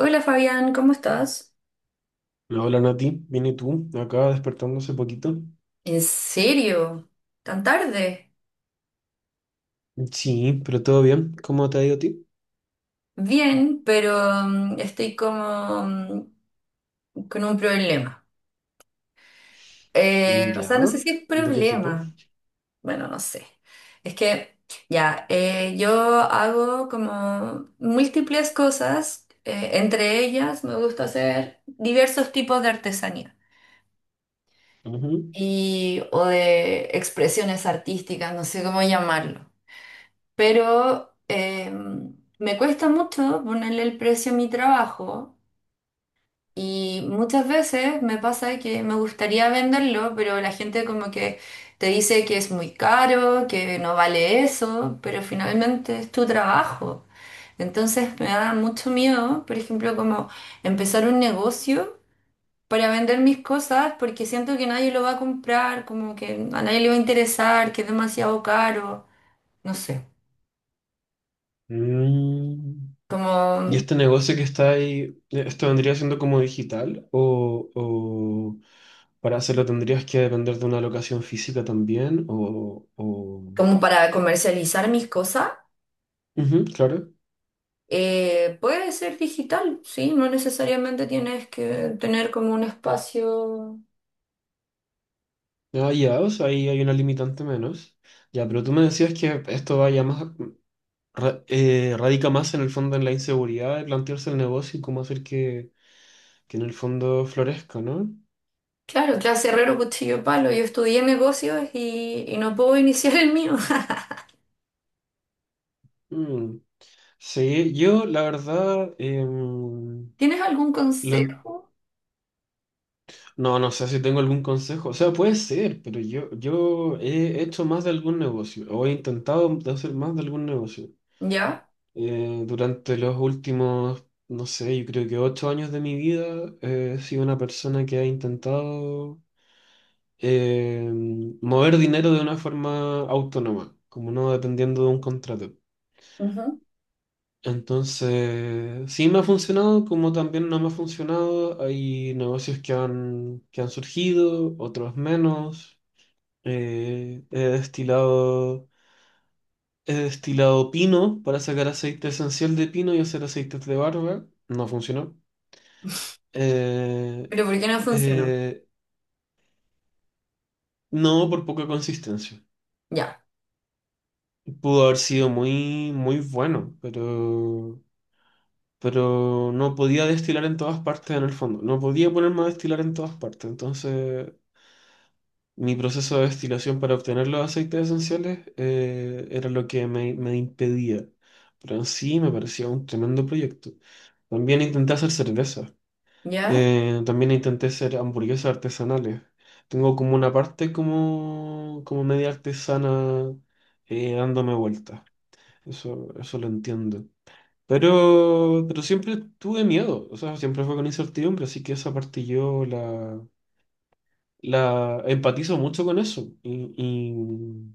Hola Fabián, ¿cómo estás? No, hola Nati, ¿viene tú? Acá despertando hace poquito. ¿En serio? ¿Tan tarde? Sí, pero todo bien. ¿Cómo te ha ido a ti? Bien, pero estoy como con un problema. Mm, O ¿ya? sea, no sé si es ¿De qué tipo? problema. Bueno, no sé. Es que ya, yo hago como múltiples cosas. Entre ellas, me gusta hacer diversos tipos de artesanía Ujú. y o de expresiones artísticas, no sé cómo llamarlo, pero me cuesta mucho ponerle el precio a mi trabajo, y muchas veces me pasa que me gustaría venderlo, pero la gente como que te dice que es muy caro, que no vale eso, pero finalmente es tu trabajo. Entonces me da mucho miedo, por ejemplo, como empezar un negocio para vender mis cosas, porque siento que nadie lo va a comprar, como que a nadie le va a interesar, que es demasiado caro, no sé. Mm, ¿Y Como este negocio que está ahí, esto vendría siendo como digital? ¿O, para hacerlo tendrías que depender de una locación física también? ¿O? como para comercializar mis cosas, Ujú, claro. Puede ser digital, sí, no necesariamente tienes que tener como un espacio. Ah, ya, o sea, ahí hay una limitante menos. Ya, pero tú me decías que esto va ya más, radica más en el fondo en la inseguridad de plantearse el negocio y cómo hacer que en el fondo florezca, ¿no? Claro, clase herrero, cuchillo, palo. Yo estudié negocios y no puedo iniciar el mío. Mm. Sí, yo la verdad, ¿Tienes algún lo en- consejo? no, no sé si tengo algún consejo, o sea, puede ser, pero yo, he hecho más de algún negocio, o he intentado de hacer más de algún negocio. ¿Ya? Durante los últimos, no sé, yo creo que 8 años de mi vida, he sido una persona que ha intentado eh, mover dinero de una forma autónoma, como no dependiendo de un contrato. Ujú. Entonces, sí me ha funcionado, como también no me ha funcionado. Hay negocios que han, surgido, otros menos. Eh, he destilado, he destilado pino para sacar aceite esencial de pino y hacer aceites de barba. No funcionó. Eh, ¿Pero por qué no funcionó? eh, no por poca consistencia. Ya, Pudo haber sido muy, muy bueno, pero no podía destilar en todas partes en el fondo, no podía ponerme a destilar en todas partes, entonces mi proceso de destilación para obtener los aceites esenciales era lo que me, impedía, pero en sí me parecía un tremendo proyecto. También intenté hacer cerveza, ya. También intenté hacer hamburguesas artesanales. Tengo como una parte como, media artesana dándome vueltas. eso, lo entiendo. pero siempre tuve miedo, o sea, siempre fue con incertidumbre, así que esa parte yo la empatizo mucho con eso. Y, y,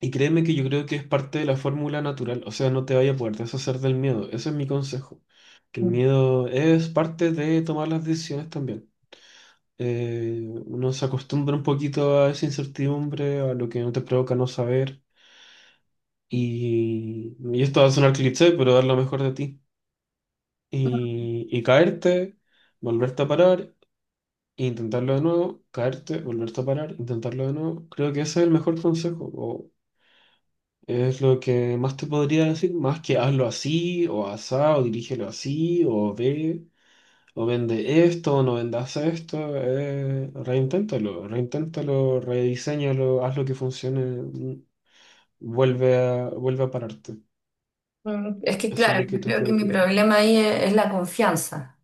y créeme que yo creo que es parte de la fórmula natural, o sea, no te vaya a poder deshacer del miedo, ese es mi consejo, que el miedo es parte de tomar las decisiones también. Uno se acostumbra un poquito a esa incertidumbre, a lo que no te provoca no saber, y esto va a sonar cliché, pero dar lo mejor de ti. Y caerte, volverte a parar, e intentarlo de nuevo, caerte, volverte a parar, intentarlo de nuevo. Creo que ese es el mejor consejo, o es lo que más te podría decir, más que hazlo así, o asá, o dirígelo así, o ve, o vende esto, o no vendas esto, reinténtalo, reinténtalo, rediseñalo, haz lo que funcione, vuelve a, pararte. Mm, es que Eso es claro, lo que yo te creo que puedo mi tirar. problema ahí es la confianza.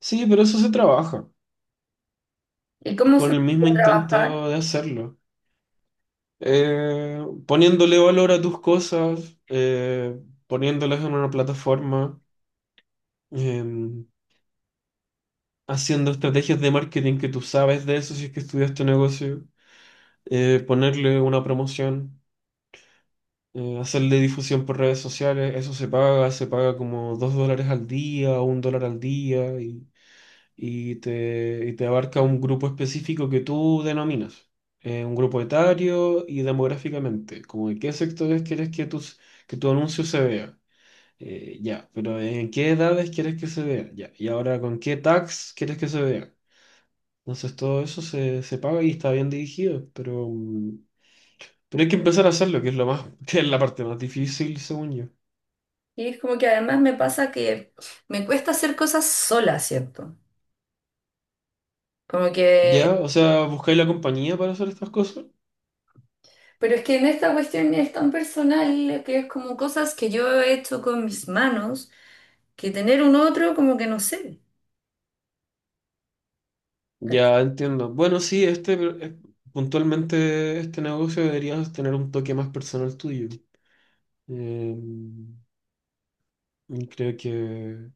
Sí, pero eso se trabaja ¿Y cómo con se el mismo puede intento trabajar? de hacerlo. Poniéndole valor a tus cosas, poniéndolas en una plataforma, em, haciendo estrategias de marketing que tú sabes de eso si es que estudias tu negocio, ponerle una promoción, hacerle difusión por redes sociales, eso se paga, como $2 al día, o $1 al día, y te abarca un grupo específico que tú denominas, un grupo etario y demográficamente, como en qué sectores quieres que tu anuncio se vea. Ya, pero en qué edades quieres que se vea, ya, y ahora con qué tags quieres que se vea. Entonces todo eso se, paga y está bien dirigido, pero hay que empezar a hacerlo, que es lo más, que es la parte más difícil, según yo. Y es como que además me pasa que me cuesta hacer cosas sola, ¿cierto? Como Ya, que, o sea, buscáis la compañía para hacer estas cosas. pero es que en esta cuestión es tan personal, que es como cosas que yo he hecho con mis manos, que tener un otro como que no sé. Ya ¿Cachai? entiendo. Bueno, sí, eh, puntualmente este negocio deberías tener un toque más personal tuyo. Eh, y creo que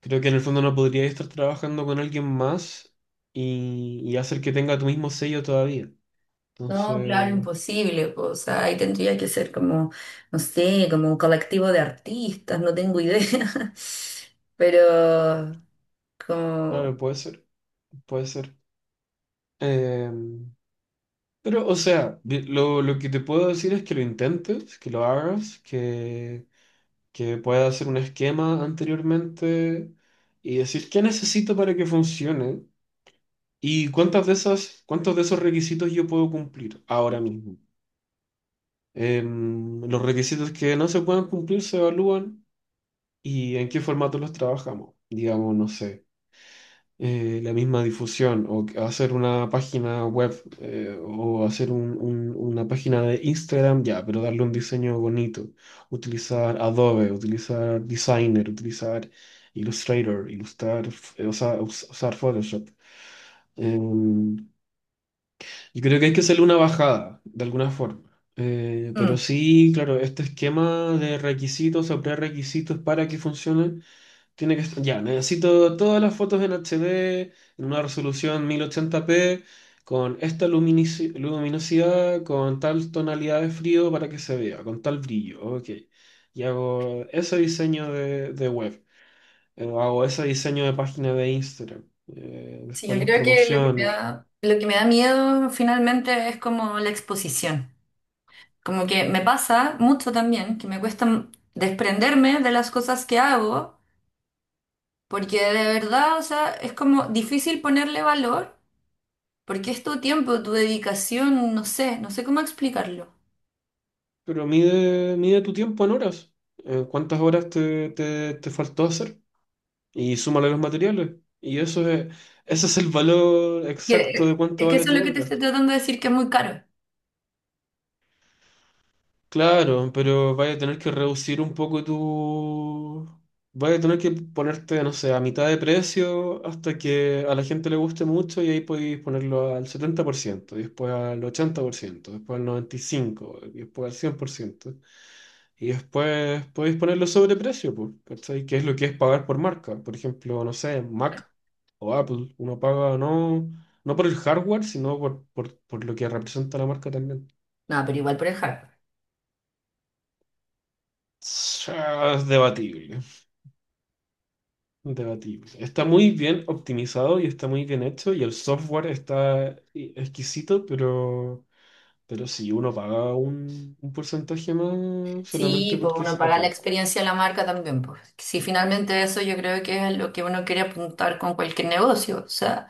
creo que en el fondo no podrías estar trabajando con alguien más y hacer que tenga tu mismo sello todavía. No, claro, Entonces, imposible, po, o sea, ahí tendría que ser como, no sé, como un colectivo de artistas, no tengo idea. Pero como claro, puede ser, puede ser. Eh, pero, o sea, lo que te puedo decir es que lo intentes, que lo hagas, que pueda hacer un esquema anteriormente y decir qué necesito para que funcione y cuántos de esos requisitos yo puedo cumplir ahora mismo. Los requisitos que no se puedan cumplir se evalúan y en qué formato los trabajamos. Digamos, no sé. La misma difusión o hacer una página web o hacer una página de Instagram, ya, pero darle un diseño bonito, utilizar Adobe, utilizar Designer, utilizar Illustrator, ilustrar, o sea, usar Photoshop. Em, yo creo que hay que hacerle una bajada de alguna forma. Pero mm, sí, claro, este esquema de requisitos o prerequisitos para que funcione tiene que estar, ya, necesito todas las fotos en HD, en una resolución 1080p, con esta luminosidad, con tal tonalidad de frío para que se vea, con tal brillo, ok. Y hago ese diseño de, web, hago ese diseño de página de Instagram, sí, después yo las creo que lo que me promociones, da, lo que me da miedo finalmente es como la exposición. Como que me pasa mucho también, que me cuesta desprenderme de las cosas que hago, porque de verdad, o sea, es como difícil ponerle valor, porque es tu tiempo, tu dedicación, no sé, no sé cómo explicarlo. pero mide, tu tiempo en horas. ¿Cuántas horas te faltó hacer? Y súmale los materiales. Y eso es, ese es el valor exacto de cuánto Es que vale eso es tu lo que te obra. estoy tratando de decir, que es muy caro. Claro, pero vaya a tener que reducir un poco tu. Vaya a tener que ponerte, no sé, a mitad de precio hasta que a la gente le guste mucho y ahí podéis ponerlo al 70%, y después al 80% después al 95%, y después al cien por ciento. Y después podéis ponerlo sobre precio, pues, ¿cachai? ¿Qué es lo que es pagar por marca? Por ejemplo, no sé, Mac o Apple, uno paga no, no por el hardware, sino por, lo que representa la marca también. No, pero igual por el hardware. Ah, es debatible, debatible. Está muy bien optimizado y está muy bien hecho y el software está exquisito, pero, sí, uno paga un porcentaje más solamente Sí, pues porque uno es paga la Apple. experiencia de la marca también, pues. Si finalmente eso, yo creo que es lo que uno quiere apuntar con cualquier negocio, o sea,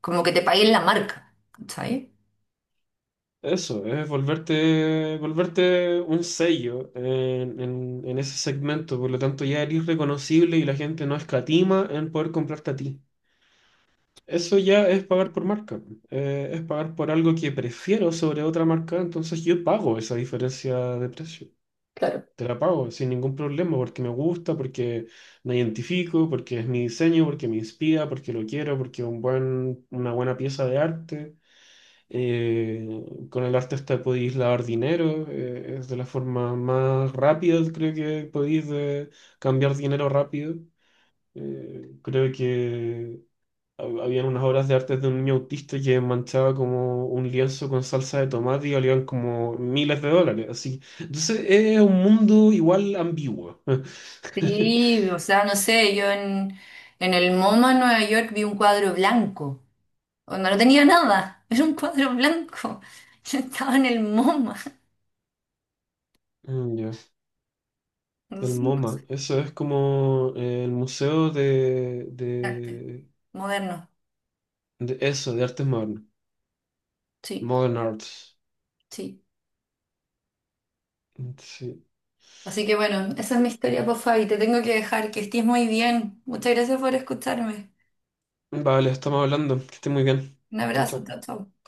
como que te paguen la marca, ¿sabes? Eso, es volverte, un sello en ese segmento, por lo tanto ya eres reconocible y la gente no escatima en poder comprarte a ti. Eso ya es pagar por marca, es pagar por algo que prefiero sobre otra marca, entonces yo pago esa diferencia de precio, te la pago sin ningún problema porque me gusta, porque me identifico, porque es mi diseño, porque me inspira, porque lo quiero, porque es una buena pieza de arte. Eh, con el arte artista podéis lavar dinero, es de la forma más rápida, creo que podéis cambiar dinero rápido. Creo que habían unas obras de arte de un niño autista que manchaba como un lienzo con salsa de tomate y valían como miles de dólares. Así. Entonces es un mundo igual ambiguo. Sí, o sea, no sé, yo en el MoMA en Nueva York vi un cuadro blanco, onda, no tenía nada, era un cuadro blanco, yo estaba en el MoMA, Mm, ya. no El sé, cosas MoMA, eso es como el museo de, de arte de, moderno, de eso, de artes modernas. sí, Modern Arts. sí. Sí. Así que bueno, esa es mi historia, por Fabi, te tengo que dejar, que estés muy bien, muchas gracias por escucharme, Vale, estamos hablando. Que esté muy bien. un Chao, abrazo, chao. chao, chao.